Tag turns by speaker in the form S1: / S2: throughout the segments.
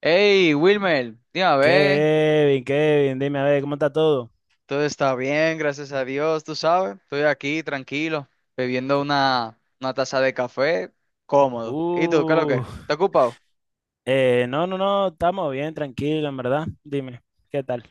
S1: Hey, Wilmer, dime a ver,
S2: Kevin, Kevin, dime a ver, ¿cómo está todo?
S1: todo está bien, gracias a Dios, tú sabes, estoy aquí tranquilo, bebiendo
S2: ¿Qué?
S1: una taza de café, cómodo. ¿Y tú, qué es lo que?
S2: Uh,
S1: es? ¿Estás ocupado?
S2: no, estamos bien, tranquilo, en verdad. Dime, ¿qué tal?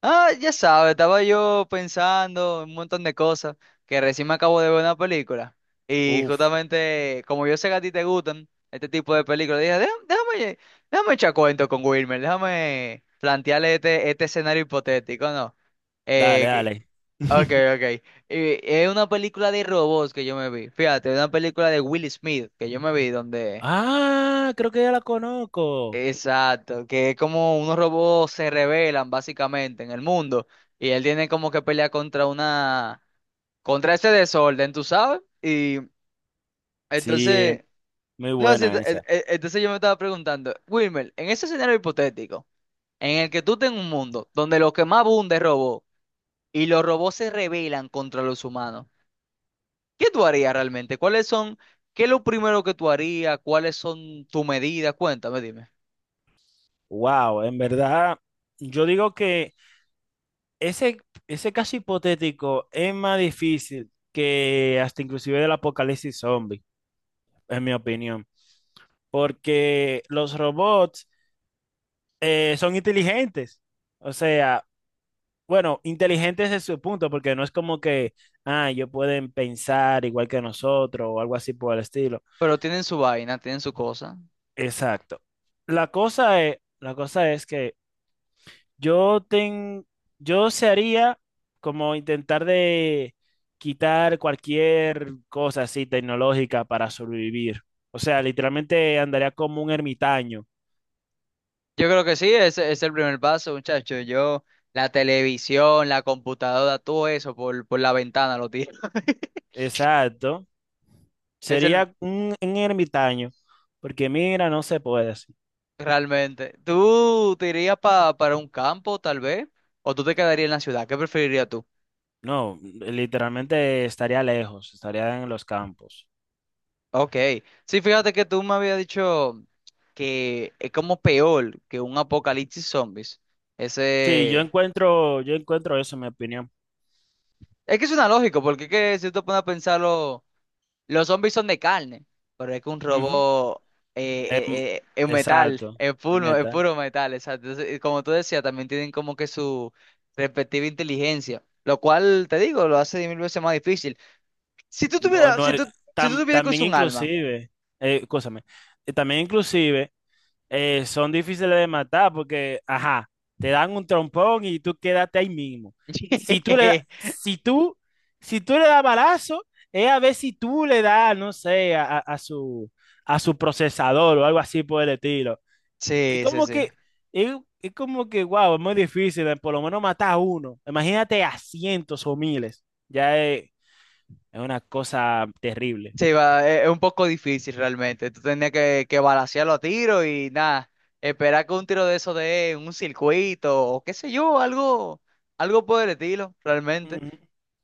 S1: Ah, ya sabes, estaba yo pensando en un montón de cosas, que recién me acabo de ver una película, y
S2: Uf,
S1: justamente, como yo sé que a ti te gustan este tipo de películas, dije, "Déjame, déjame, déjame echar cuento con Wilmer, déjame plantearle este escenario hipotético, ¿no?
S2: dale,
S1: Eh,
S2: dale.
S1: Ok, ok. Es una película de robots que yo me vi. Fíjate, es una película de Will Smith que yo me vi donde...
S2: Ah, creo que ya la conozco.
S1: Exacto, que es como unos robots se rebelan básicamente en el mundo y él tiene como que pelear contra una... contra ese desorden, ¿tú sabes? Y
S2: Sí,
S1: entonces...
S2: muy
S1: No, sí,
S2: buena esa.
S1: entonces yo me estaba preguntando, Wilmer, en ese escenario hipotético, en el que tú tengas un mundo donde lo que más abunda es robot y los robots se rebelan contra los humanos. ¿Qué tú harías realmente? ¿Cuáles son, qué es lo primero que tú harías? ¿Cuáles son tus medidas? Cuéntame, dime.
S2: Wow, en verdad, yo digo que ese, ese caso hipotético es más difícil que hasta inclusive del apocalipsis zombie, en mi opinión. Porque los robots son inteligentes. O sea, bueno, inteligentes es su punto, porque no es como que, ah, ellos pueden pensar igual que nosotros o algo así por el estilo.
S1: Pero tienen su vaina, tienen su cosa.
S2: Exacto. La cosa es que yo ten, yo se haría como intentar de quitar cualquier cosa así tecnológica para sobrevivir. O sea, literalmente andaría como un ermitaño.
S1: Yo creo que sí, ese es el primer paso, muchacho. Yo, la televisión, la computadora, todo eso por la ventana lo tiro.
S2: Exacto.
S1: Es el,
S2: Sería un ermitaño, porque mira, no se puede así.
S1: realmente. ¿Tú te irías para un campo, tal vez? ¿O tú te quedarías en la ciudad? ¿Qué preferirías tú?
S2: No, literalmente estaría lejos, estaría en los campos.
S1: Ok. Sí, fíjate que tú me habías dicho que es como peor que un apocalipsis zombies.
S2: Sí,
S1: Ese.
S2: yo encuentro eso en mi opinión.
S1: Es que es una lógica, porque es que si tú pones a pensarlo, los zombies son de carne, pero es que un
S2: Ujú.
S1: robot
S2: Em,
S1: es metal,
S2: exacto, el
S1: es
S2: metal.
S1: puro metal, exacto. Entonces, como tú decías, también tienen como que su respectiva inteligencia, lo cual, te digo, lo hace 10.000 veces más difícil. Si tú
S2: No,
S1: tuvieras,
S2: no,
S1: si tú, si tú
S2: tam-
S1: tuvieras que
S2: también
S1: usar un alma.
S2: inclusive, escúchame, también inclusive son difíciles de matar porque, ajá, te dan un trompón y tú quédate ahí mismo. Si tú le, da- si tú, si tú le das balazo, es a ver si tú le das, no sé, a a su procesador o algo así por el estilo. Es
S1: Sí, sí,
S2: como
S1: sí.
S2: que, es, es como que, wow, es muy difícil, por lo menos matar a uno. Imagínate a cientos o miles. Es una cosa terrible.
S1: Sí, va, es un poco difícil realmente. Tú tenías que balancearlo a tiro y nada, esperar que un tiro de eso dé en un circuito o qué sé yo, algo, algo por el estilo, realmente.
S2: Ujú,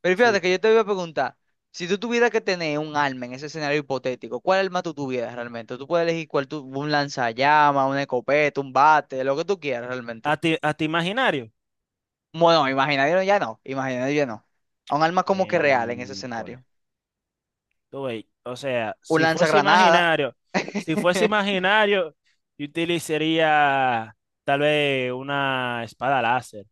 S1: Pero fíjate que
S2: sí.
S1: yo te voy a preguntar, si tú tuvieras que tener un arma en ese escenario hipotético, ¿cuál arma tú tuvieras realmente? Tú puedes elegir cuál tú, un lanzallamas, una escopeta, un bate, lo que tú quieras realmente.
S2: A ti imaginario?
S1: Bueno, imaginario ya no, imaginario ya no. Un arma como que real en ese escenario.
S2: Miércoles. Tú ves. O sea,
S1: Un lanzagranada.
S2: si fuese imaginario, yo utilizaría tal vez una espada láser.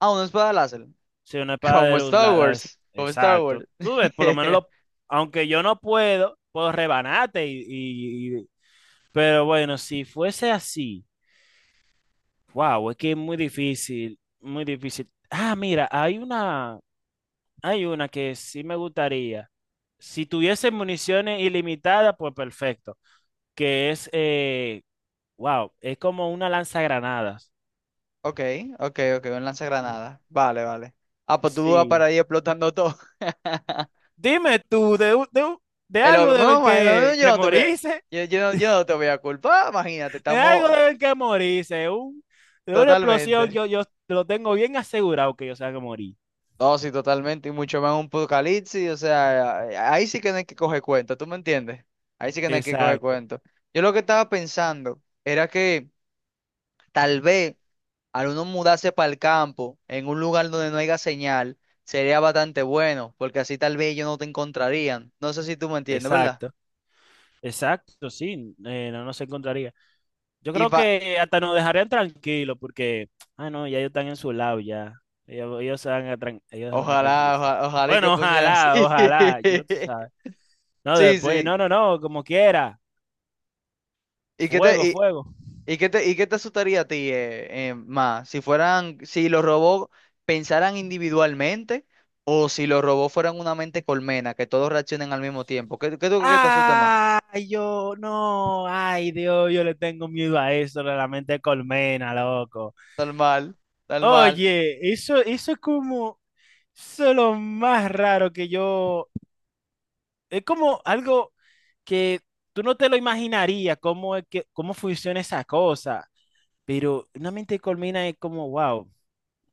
S1: Ah, una espada láser.
S2: Sí, una espada de
S1: Como
S2: luz.
S1: Star Wars. Como Star
S2: Exacto.
S1: Wars.
S2: Tú ves, por lo menos, aunque yo no puedo, puedo rebanarte. Pero bueno, si fuese así, wow, es que es muy difícil, muy difícil. Ah, mira, hay una que sí me gustaría. Si tuviese municiones ilimitadas, pues perfecto. Que es, wow, es como una lanzagranadas.
S1: Ok, ok, ok, un lanzagranada. Vale, vale. Ah, pues tú vas
S2: Sí.
S1: para ahí explotando todo.
S2: Dime tú, de, un- de, un- de
S1: El
S2: algo
S1: loco,
S2: deben
S1: no, man, no, no,
S2: que morirse,
S1: yo, yo no te voy a culpar, imagínate,
S2: de algo
S1: estamos
S2: deben que morirse, de una explosión
S1: totalmente.
S2: yo lo tengo bien asegurado que yo se que morir.
S1: No, sí, totalmente, y mucho más un apocalipsis, o sea, ahí sí que no hay que coger cuenta, ¿tú me entiendes? Ahí sí que no hay que coger
S2: Exacto,
S1: cuenta. Yo lo que estaba pensando era que tal vez al uno mudarse para el campo, en un lugar donde no haya señal, sería bastante bueno, porque así tal vez ellos no te encontrarían. No sé si tú me entiendes, ¿verdad?
S2: exacto, exacto, sí, no, no se encontraría. Yo
S1: Y
S2: creo
S1: fa-
S2: que hasta nos dejarían tranquilos porque, ah, no, ya ellos están en su lado ya. Ellos se van a
S1: ojalá,
S2: tranquilizar.
S1: ojalá, ojalá y que
S2: Bueno,
S1: funcione así.
S2: ojalá, ojalá, yo tú sabes. No,
S1: Sí,
S2: después,
S1: sí.
S2: no, no, no, como quiera.
S1: ¿Y qué te,
S2: Fuego,
S1: y,
S2: fuego.
S1: ¿y qué te asustaría a ti más? Si fueran, si los robots pensaran individualmente o si los robots fueran una mente colmena, que todos reaccionen al mismo tiempo. ¿Qué, qué tú crees que te asusta más?
S2: Ay, yo no, ay Dios, yo le tengo miedo a eso, la mente de colmena, loco.
S1: Tal mal, tal mal.
S2: Oye, eso es como, eso es lo más raro que yo, es como algo que tú no te lo imaginarías cómo es que, cómo funciona esa cosa, pero una mente de colmena es como, wow,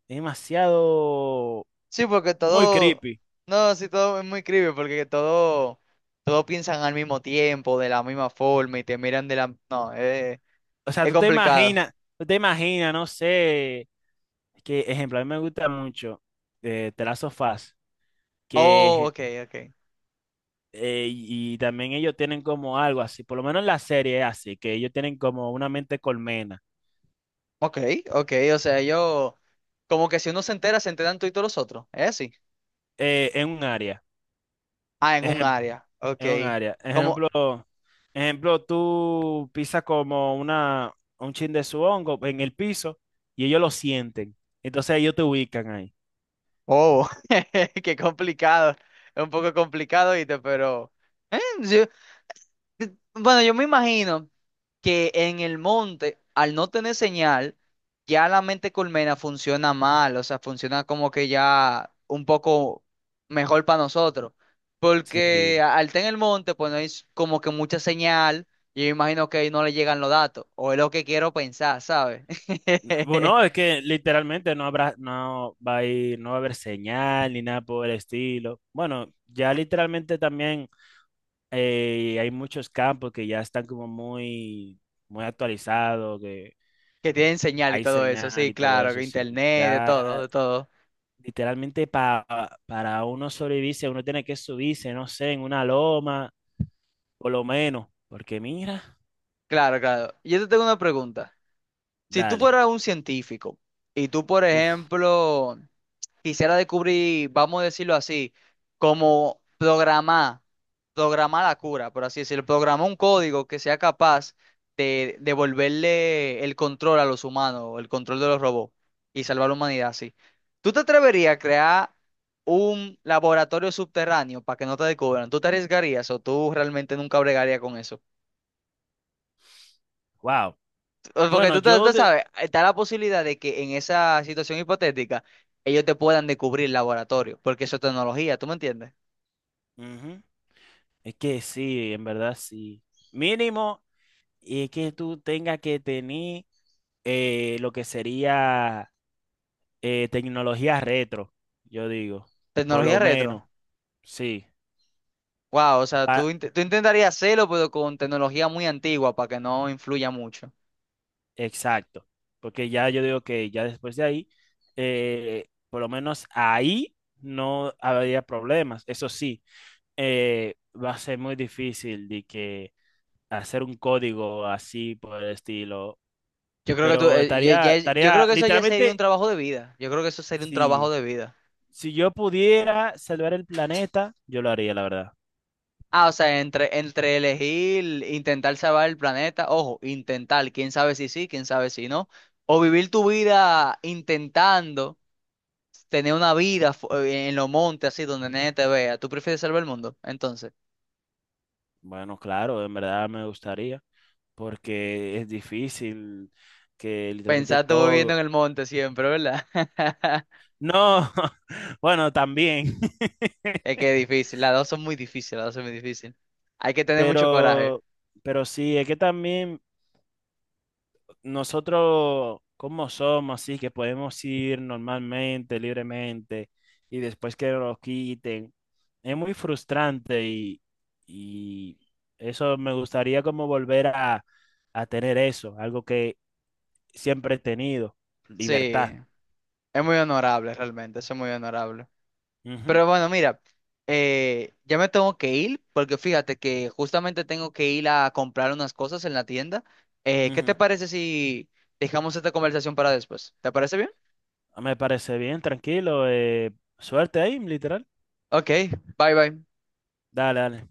S2: es demasiado
S1: Sí, porque
S2: muy
S1: todo,
S2: creepy.
S1: no, sí, todo es muy creepy, porque todo, todo piensan al mismo tiempo, de la misma forma, y te miran de la, no,
S2: O sea,
S1: es complicado.
S2: tú te imaginas, no sé, que ejemplo, a mí me gusta mucho The Last of Us,
S1: Oh,
S2: que
S1: ok, ok.
S2: y también ellos tienen como algo así, por lo menos en la serie es así, que ellos tienen como una mente colmena
S1: Ok, ok, o sea, yo, como que si uno se entera, se enteran tú y todos los otros, ¿es así?
S2: en un área.
S1: Ah, en un área, ok.
S2: En un área.
S1: Como,
S2: Ejemplo, tú pisas como un chin de su hongo en el piso y ellos lo sienten. Entonces ellos te ubican ahí.
S1: oh, qué complicado, es un poco complicado, ¿viste? Pero, sí, bueno, yo me imagino que en el monte, al no tener señal, ya la mente colmena funciona mal, o sea, funciona como que ya un poco mejor para nosotros.
S2: Sí.
S1: Porque al estar en el monte, pues no hay como que mucha señal, y yo imagino que ahí no le llegan los datos, o es lo que quiero pensar, ¿sabes?
S2: Bueno, es que literalmente no va a haber señal ni nada por el estilo. Bueno, ya literalmente también hay muchos campos que ya están como muy actualizados, que
S1: Que tienen señal y
S2: hay
S1: todo eso,
S2: señal
S1: sí,
S2: y todo
S1: claro,
S2: eso,
S1: que
S2: sí.
S1: internet, de todo,
S2: Ya
S1: de todo.
S2: literalmente para uno sobrevivirse, uno tiene que subirse, no sé, en una loma, por lo menos, porque mira,
S1: Claro, claro. Yo te tengo una pregunta. Si tú
S2: dale,
S1: fueras un científico, y tú, por
S2: uf,
S1: ejemplo, quisiera descubrir, vamos a decirlo así, como programar, programar la cura, por así decirlo, programar un código que sea capaz de devolverle el control a los humanos, el control de los robots y salvar la humanidad así. ¿Tú te atreverías a crear un laboratorio subterráneo para que no te descubran? ¿Tú te arriesgarías o tú realmente nunca bregarías con eso?
S2: wow.
S1: Porque
S2: Bueno,
S1: tú,
S2: yo
S1: tú
S2: de...
S1: sabes, está la posibilidad de que en esa situación hipotética ellos te puedan descubrir el laboratorio, porque eso es tecnología, ¿tú me entiendes?
S2: Ujú. Es que sí, en verdad sí. Mínimo, y es que tú tengas que tener lo que sería tecnología retro, yo digo, por lo
S1: Tecnología retro.
S2: menos, sí.
S1: Wow, o sea, tú intentarías hacerlo, pero con tecnología muy antigua para que no influya mucho.
S2: Exacto, porque ya yo digo que ya después de ahí, por lo menos ahí no habría problemas. Eso sí, va a ser muy difícil de que hacer un código así por el estilo,
S1: Yo creo que tú,
S2: pero
S1: yo
S2: estaría,
S1: creo que eso ya sería un
S2: literalmente,
S1: trabajo de vida. Yo creo que eso sería un trabajo
S2: si,
S1: de vida.
S2: si yo pudiera salvar el planeta, yo lo haría, la verdad.
S1: Ah, o sea, entre, entre elegir, intentar salvar el planeta, ojo, intentar, quién sabe si sí, quién sabe si no, o vivir tu vida intentando tener una vida en los montes, así, donde nadie te vea. ¿Tú prefieres salvar el mundo? Entonces,
S2: Bueno, claro, en verdad me gustaría, porque es difícil que literalmente
S1: pensar tú viviendo en
S2: todo...
S1: el monte siempre, ¿verdad?
S2: No, bueno, también.
S1: Es que es difícil, las dos son muy difíciles, las dos son muy difíciles. Hay que tener mucho coraje.
S2: Pero, pero sí, es que también nosotros, como somos, así que podemos ir normalmente, libremente, y después que nos quiten, es muy frustrante y eso me gustaría como volver a tener eso, algo que siempre he tenido,
S1: Sí,
S2: libertad.
S1: es muy honorable realmente, eso es muy honorable.
S2: Ujú,
S1: Pero bueno, mira, ya me tengo que ir porque fíjate que justamente tengo que ir a comprar unas cosas en la tienda. ¿Qué te
S2: ujú.
S1: parece si dejamos esta conversación para después? ¿Te parece bien?
S2: Me parece bien, tranquilo, suerte ahí, literal.
S1: Ok, bye bye.
S2: Dale, dale.